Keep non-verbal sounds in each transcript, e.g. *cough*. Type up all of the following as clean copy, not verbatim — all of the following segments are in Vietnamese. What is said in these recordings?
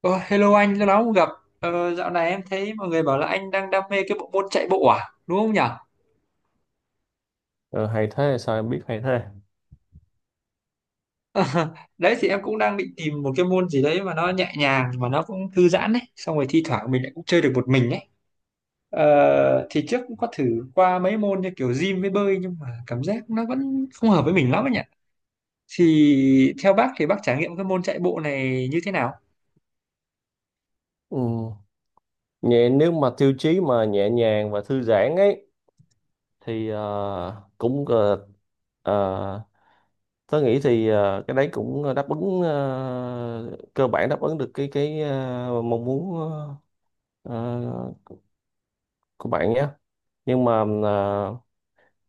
Ờ, Hello anh, lâu lắm không gặp. Dạo này em thấy mọi người bảo là anh đang đam mê cái bộ môn chạy bộ à, đúng không nhỉ? Ờ, hay thế, sao em biết hay thế? *laughs* Đấy thì em cũng đang định tìm một cái môn gì đấy mà nó nhẹ nhàng mà nó cũng thư giãn đấy, xong rồi thi thoảng mình lại cũng chơi được một mình ấy. Thì trước cũng có thử qua mấy môn như kiểu gym với bơi nhưng mà cảm giác nó vẫn không hợp với mình lắm ấy nhỉ. Thì theo bác thì bác trải nghiệm cái môn chạy bộ này như thế nào? Ừ. nhẹ nếu mà tiêu chí mà nhẹ nhàng và thư giãn ấy, thì ờ, tớ nghĩ thì, cái đấy cũng đáp ứng, cơ bản đáp ứng được cái mong muốn ờ, của bạn nhé. Nhưng mà,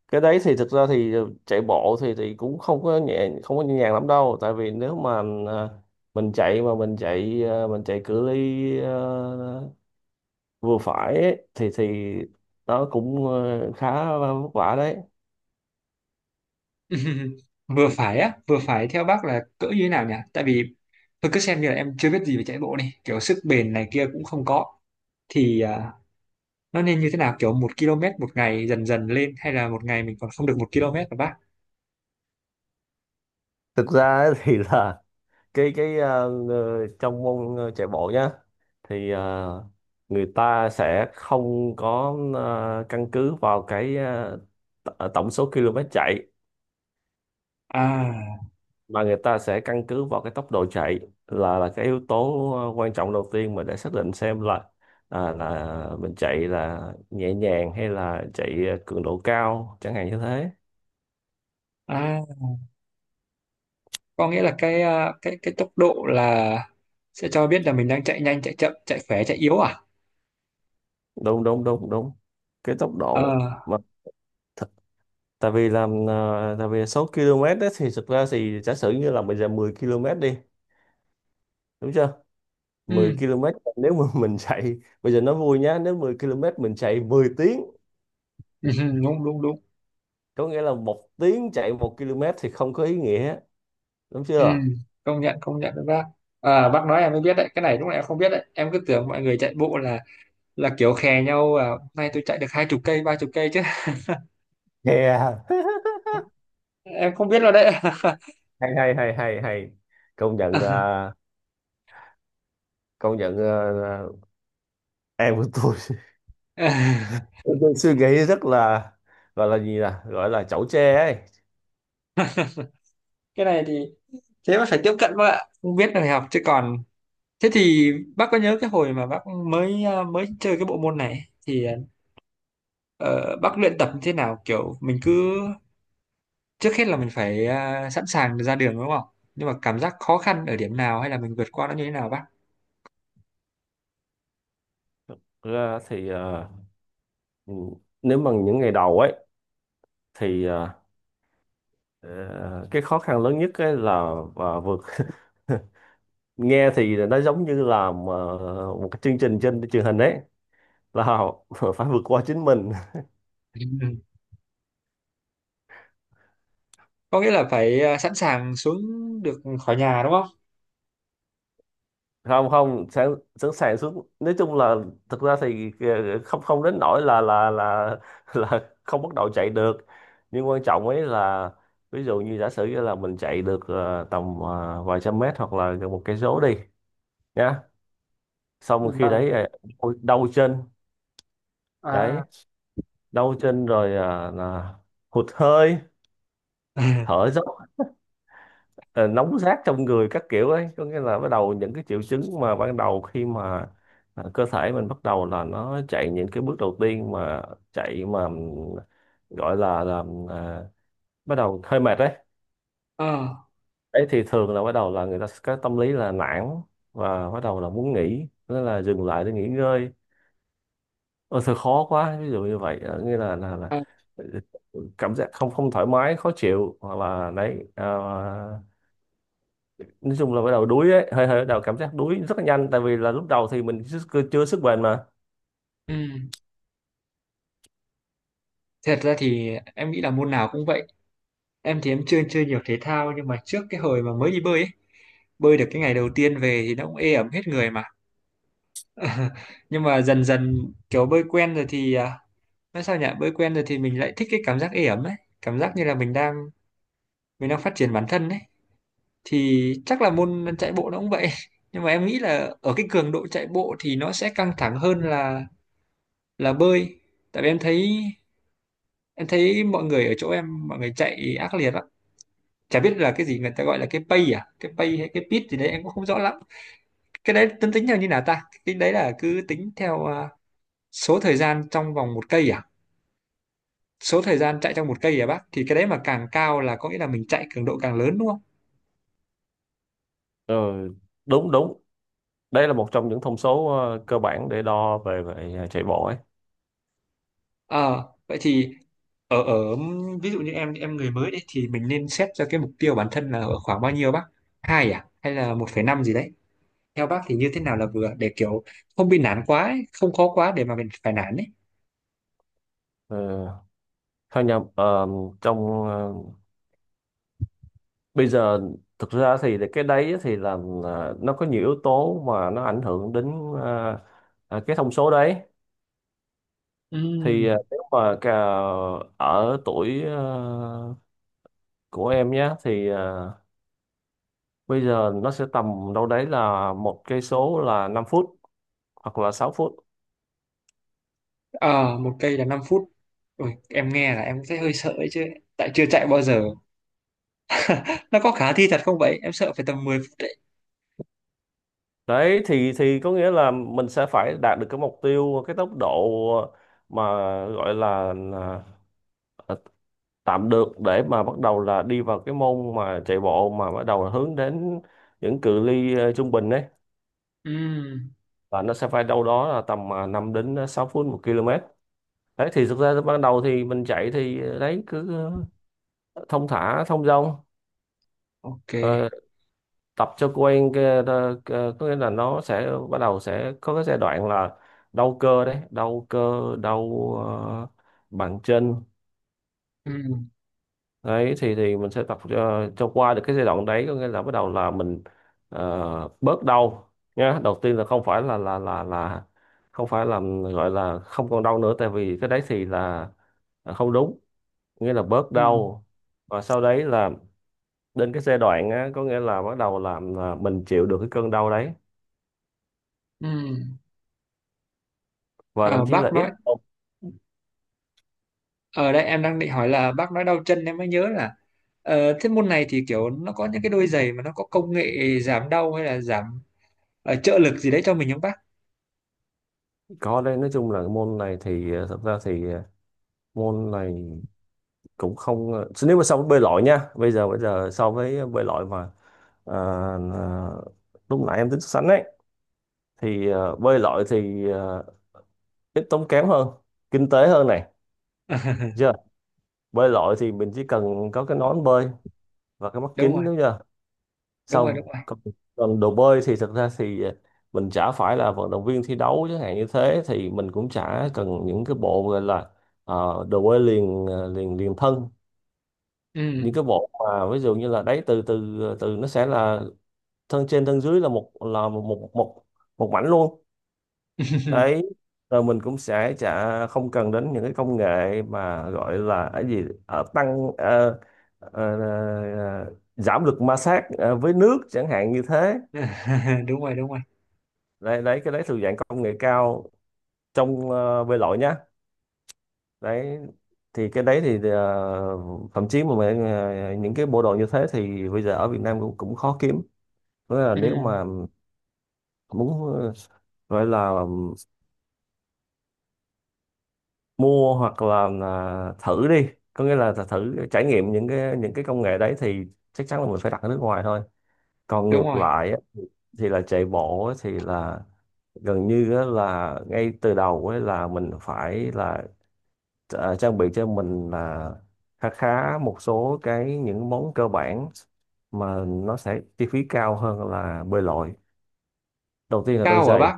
cái đấy thì thực ra thì chạy bộ thì cũng không có nhẹ nhàng lắm đâu, tại vì nếu mà, ờ, mình chạy mà mình chạy cự ly, vừa phải ấy, thì nó cũng khá vất vả đấy. *laughs* Vừa phải á, vừa phải theo bác là cỡ như thế nào nhỉ? Tại vì tôi cứ xem như là em chưa biết gì về chạy bộ đi, kiểu sức bền này kia cũng không có, thì nó nên như thế nào? Kiểu một km một ngày dần dần lên, hay là một ngày mình còn không được một km mà bác. Thực ra ấy *laughs* thì là cái trong môn, chạy bộ nhá, thì người ta sẽ không có, căn cứ vào cái, tổng số km chạy, À, mà người ta sẽ căn cứ vào cái tốc độ chạy, là cái yếu tố quan trọng đầu tiên mà để xác định xem là mình chạy là nhẹ nhàng hay là chạy cường độ cao, chẳng hạn như thế. à, có nghĩa là cái à, cái cái tốc độ là sẽ cho biết là mình đang chạy nhanh chạy chậm chạy khỏe chạy yếu à? Đúng đúng đúng đúng, cái tốc Ờ, độ mà, th- tại vì số km đó thì thực ra thì giả sử như là bây giờ 10 km đi, đúng chưa? ừ, 10 km, nếu mà *laughs* mình chạy bây giờ nó vui nhá, nếu 10 km mình chạy 10 tiếng, ừ, ừ, đúng đúng đúng. có nghĩa là một tiếng chạy một km thì không có ý nghĩa, đúng Ừ, chưa? Công nhận với bác. À, bác nói em mới biết đấy, cái này lúc này em không biết đấy, em cứ tưởng mọi người chạy bộ là kiểu khè nhau, à, hôm nay tôi chạy được 20 cây 30 cây chứ. Yeah. *laughs* Em không biết rồi đấy. Hay hay hay hay hay, công nhận *laughs* công nhận ờ, ờ, em của tôi *laughs* tôi suy nghĩ rất là, gọi là gì nè, gọi là chẩu tre ấy. Cái này thì thế mà phải tiếp cận bác ạ, không biết rồi học chứ còn. Thế thì bác có nhớ cái hồi mà bác mới chơi cái bộ môn này thì ờ, bác luyện tập như thế nào? Kiểu mình cứ trước hết là mình phải sẵn sàng ra đường đúng không? Nhưng mà cảm giác khó khăn ở điểm nào, hay là mình vượt qua nó như thế nào bác? Thực ra thì, à, ừ, nếu mà những ngày đầu ấy thì, ờ, cái khó khăn lớn nhất ấy là và vượt, *laughs* nghe thì nó giống như là mà một cái chương trình trên truyền hình ấy, là *laughs* phải vượt qua chính mình. *laughs* Ừ. Có nghĩa là phải sẵn sàng xuống được khỏi nhà đúng không? Không không, sẵn sẵn sàng xuống, nói chung là thực ra thì không không đến nỗi là không bắt đầu chạy được, nhưng quan trọng ấy là ví dụ như giả sử như là mình chạy được, tầm, vài trăm mét hoặc là gần một cây số đi nhá, xong rồi Ừ, khi vâng. đấy, à, ôi, đau chân. À. Đấy, đau chân rồi, à, là hụt hơi, thở *laughs* dốc, ờ, nóng rát trong người các kiểu ấy, có nghĩa là bắt đầu những cái triệu chứng mà ban đầu khi mà, à, cơ thể mình bắt đầu là nó chạy những cái bước đầu tiên mà chạy mà, gọi là à, bắt đầu hơi mệt đấy. Ờ. Ấy thì thường là bắt đầu là người ta sẽ có tâm lý là nản, và bắt đầu là muốn nghỉ nên là dừng lại để nghỉ ngơi, ôi thôi khó quá, ví dụ như vậy, nghĩa là là cảm giác không không thoải mái khó chịu, hoặc là đấy, à, nói chung là bắt đầu đuối ấy, hơi hơi bắt đầu cảm giác đuối rất là nhanh, tại vì là lúc đầu thì mình chưa sức bền mà. Ừ. Thật ra thì em nghĩ là môn nào cũng vậy. Em thì em chưa chơi nhiều thể thao nhưng mà trước cái hồi mà mới đi bơi ấy, bơi được cái ngày đầu tiên về thì nó cũng ê ẩm hết người mà. *laughs* Nhưng mà dần dần kiểu bơi quen rồi thì nói sao nhỉ? Bơi quen rồi thì mình lại thích cái cảm giác ê ẩm ấy, cảm giác như là mình đang phát triển bản thân ấy. Thì chắc là môn chạy bộ nó cũng vậy. *laughs* Nhưng mà em nghĩ là ở cái cường độ chạy bộ thì nó sẽ căng thẳng hơn là bơi. Tại vì em thấy mọi người ở chỗ em mọi người chạy ác liệt, chả biết là cái gì người ta gọi là cái pay hay cái bit gì đấy em cũng không rõ lắm. Cái đấy tính tính theo như nào ta? Cái đấy là cứ tính theo số thời gian trong vòng một cây à? Số thời gian chạy trong một cây à bác? Thì cái đấy mà càng cao là có nghĩa là mình chạy cường độ càng lớn đúng không? Ừ, đúng đúng, đây là một trong những thông số cơ bản để đo về về ờ, chạy bộ ấy. Ờ vậy thì ở ở ví dụ như em người mới đấy thì mình nên xét cho cái mục tiêu bản thân là ở khoảng bao nhiêu bác? Hai à, hay là 1,5 gì đấy? Theo bác thì như thế nào là vừa, để kiểu không bị nản quá ấy, không khó quá để mà mình phải nản ấy? Ừ, thôi nhầm, trong ờ, bây giờ thực ra thì cái đấy thì là nó có nhiều yếu tố mà nó ảnh hưởng đến, cái thông số đấy, thì Ừ. Nếu mà cả ở tuổi, của em nhé thì, bây giờ nó sẽ tầm đâu đấy là một cây số là 5 phút hoặc là 6 phút. Ờ, Một cây là 5 phút. Ui, em nghe là em thấy hơi sợ ấy chứ. Tại chưa chạy bao giờ. Nó có khả thi thật không vậy? Em sợ phải tầm 10 phút đấy. Đấy thì có nghĩa là mình sẽ phải đạt được cái mục tiêu cái tốc độ mà gọi là tạm được để mà bắt đầu là đi vào cái môn mà chạy bộ mà bắt đầu hướng đến những cự ly, trung bình đấy, Ừm, và nó sẽ phải đâu đó là tầm, à, 5 đến 6 phút một km. Đấy thì thực ra ban đầu thì mình chạy thì, đấy cứ, ờ, thông thả thông dong. ok. Ờ, tập cho quen cái, có nghĩa là nó sẽ bắt đầu sẽ có cái giai đoạn là đau cơ, đấy, đau cơ, đau, ờ, bàn chân. Ừm, Đấy thì mình sẽ tập cho, qua được cái giai đoạn đấy, có nghĩa là bắt đầu là mình, bớt đau nhá. Đầu tiên là không phải là không phải là gọi là không còn đau nữa, tại vì cái đấy thì là không đúng, nghĩa là bớt ừm, đau, và sau đấy là đến cái giai đoạn á, có nghĩa là bắt đầu làm là mình chịu được cái cơn đau đấy, ừm. và Ờ, thậm chí bác là ít. nói, ở đây em đang định hỏi là bác nói đau chân em mới nhớ là thế môn này thì kiểu nó có những cái đôi giày mà nó có công nghệ giảm đau hay là giảm trợ lực gì đấy cho mình không bác? Có đây, nói chung là cái môn này thì, thật ra thì, môn này cũng không, nếu mà so với bơi lội nha, bây giờ so với bơi lội mà, ờ, ờ, lúc nãy em tính so sánh ấy, thì, bơi lội thì, ít tốn kém hơn, kinh tế hơn này, *laughs* chưa? Bơi lội thì mình chỉ cần có cái nón bơi và cái mắt Đúng kính, rồi, đúng chưa? đúng rồi, đúng Xong rồi. Còn đồ bơi thì thật ra thì mình chả phải là vận động viên thi đấu chẳng hạn như thế, thì mình cũng chả cần những cái bộ gọi là, đồ bơi liền, ờ, liền liền thân, những Ừm. cái bộ mà ví dụ như là đấy từ từ từ nó sẽ là thân trên thân dưới là một một một mảnh luôn. Đấy, *laughs* rồi mình cũng sẽ chả không cần đến những cái công nghệ mà gọi là cái gì, tăng, ờ, ờ, giảm lực ma sát với nước, chẳng hạn như thế. Đúng rồi, đúng rồi. Đấy, đấy cái đấy thuộc dạng công nghệ cao trong, bơi lội nhá. Đấy thì cái đấy thì, thậm chí mà mình, những cái bộ đồ như thế thì bây giờ ở Việt Nam cũng cũng khó kiếm. Thế là nếu Ừm, mà muốn, gọi là mua hoặc là thử đi, có nghĩa là thử trải nghiệm những cái công nghệ đấy, thì chắc chắn là mình phải đặt ở nước ngoài thôi. Còn đúng ngược rồi. lại á, thì là chạy bộ á, thì là gần như á là ngay từ đầu ấy là mình phải là, trang bị cho mình là khá khá một số cái những món cơ bản mà nó sẽ chi phí cao hơn là bơi lội. Đầu tiên là đôi Cao hả giày. bác?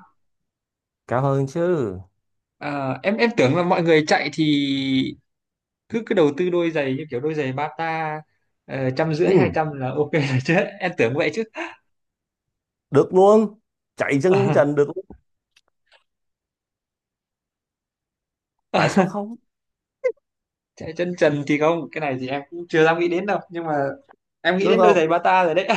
Cao hơn chứ. À, em tưởng là mọi người chạy thì cứ cứ đầu tư đôi giày như kiểu đôi giày Bata, 150 hai Ừ, trăm là ok rồi *laughs* chứ em tưởng vậy chứ. được luôn, chạy chân trần *laughs* được luôn. Tại sao Ờ, không? chạy chân trần thì không, cái này thì em cũng chưa dám nghĩ đến đâu, nhưng mà em nghĩ Đúng đến đôi giày không? Bata rồi đấy.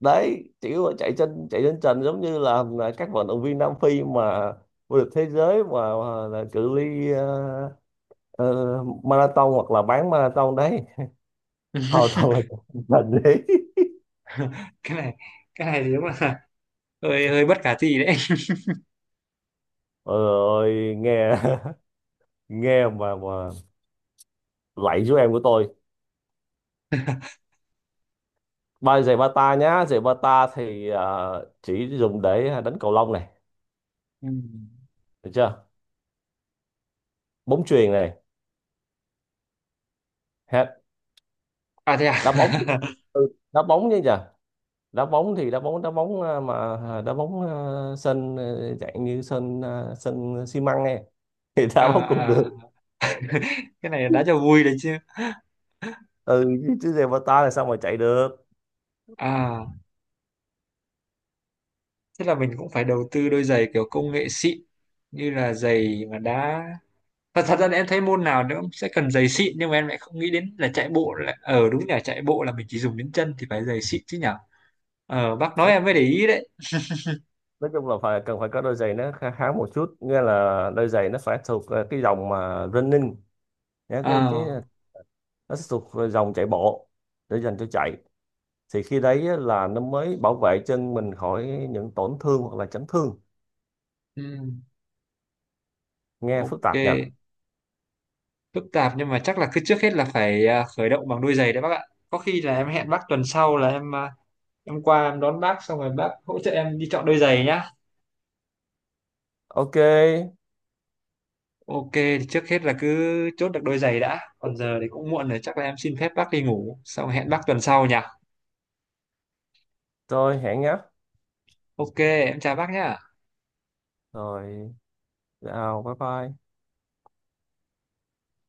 Đấy, chỉ có chạy chân trần, giống như là các vận động viên Nam Phi mà vô địch thế giới mà là cự ly, marathon hoặc là bán marathon đấy, họ *laughs* toàn là chạy chân *laughs* trần đấy. cái này cái này thì đúng là hơi hơi bất khả thi đấy. *laughs* Ôi ơi, nghe *laughs* nghe mà lạy chú em của tôi. Ba giày bata nhá, giày bata thì, à, chỉ dùng để đánh cầu lông này, Ừ. được chưa, bóng chuyền này, hết, À thế à? đá bóng. *laughs* Ừ, đá bóng chứ nhờ. Đá bóng thì đá bóng, à, mà, à, đá bóng, à, sân, à, dạng như sân, à, sân xi măng này *laughs* thì đá bóng cũng được. À, à. *laughs* Cái này đã cho vui đấy chứ. Ừ, chứ giày bata là sao mà chạy được? À, thế là mình cũng phải đầu tư đôi giày kiểu công nghệ xịn, như là giày mà đá. Và thật ra là em thấy môn nào nó cũng sẽ cần giày xịn, nhưng mà em lại không nghĩ đến là chạy bộ, là ở đúng là chạy bộ là mình chỉ dùng đến chân thì phải giày xịn chứ nhở. Ờ, bác nói nói, em mới để ý đấy. nói chung là phải cần phải có đôi giày nó khá khá một chút, nghĩa là đôi giày nó phải thuộc, à, cái dòng mà running nhá, cái Ờ, nó sẽ thuộc dòng chạy bộ, để dành cho chạy, thì khi đấy là nó mới bảo vệ chân mình khỏi những tổn thương hoặc là chấn thương. ừ, Nghe phức ok. tạp nhỉ. Phức tạp, nhưng mà chắc là cứ trước hết là phải khởi động bằng đôi giày đấy bác ạ. Có khi là em hẹn bác tuần sau là em qua em đón bác, xong rồi bác hỗ trợ em đi chọn đôi giày nhá. Ok Ok thì trước hết là cứ chốt được đôi giày đã, còn giờ thì cũng muộn rồi, chắc là em xin phép bác đi ngủ xong hẹn bác tuần sau nhỉ. rồi, hẹn nhé. Ok, em chào bác nhá. Rồi, chào bye bye.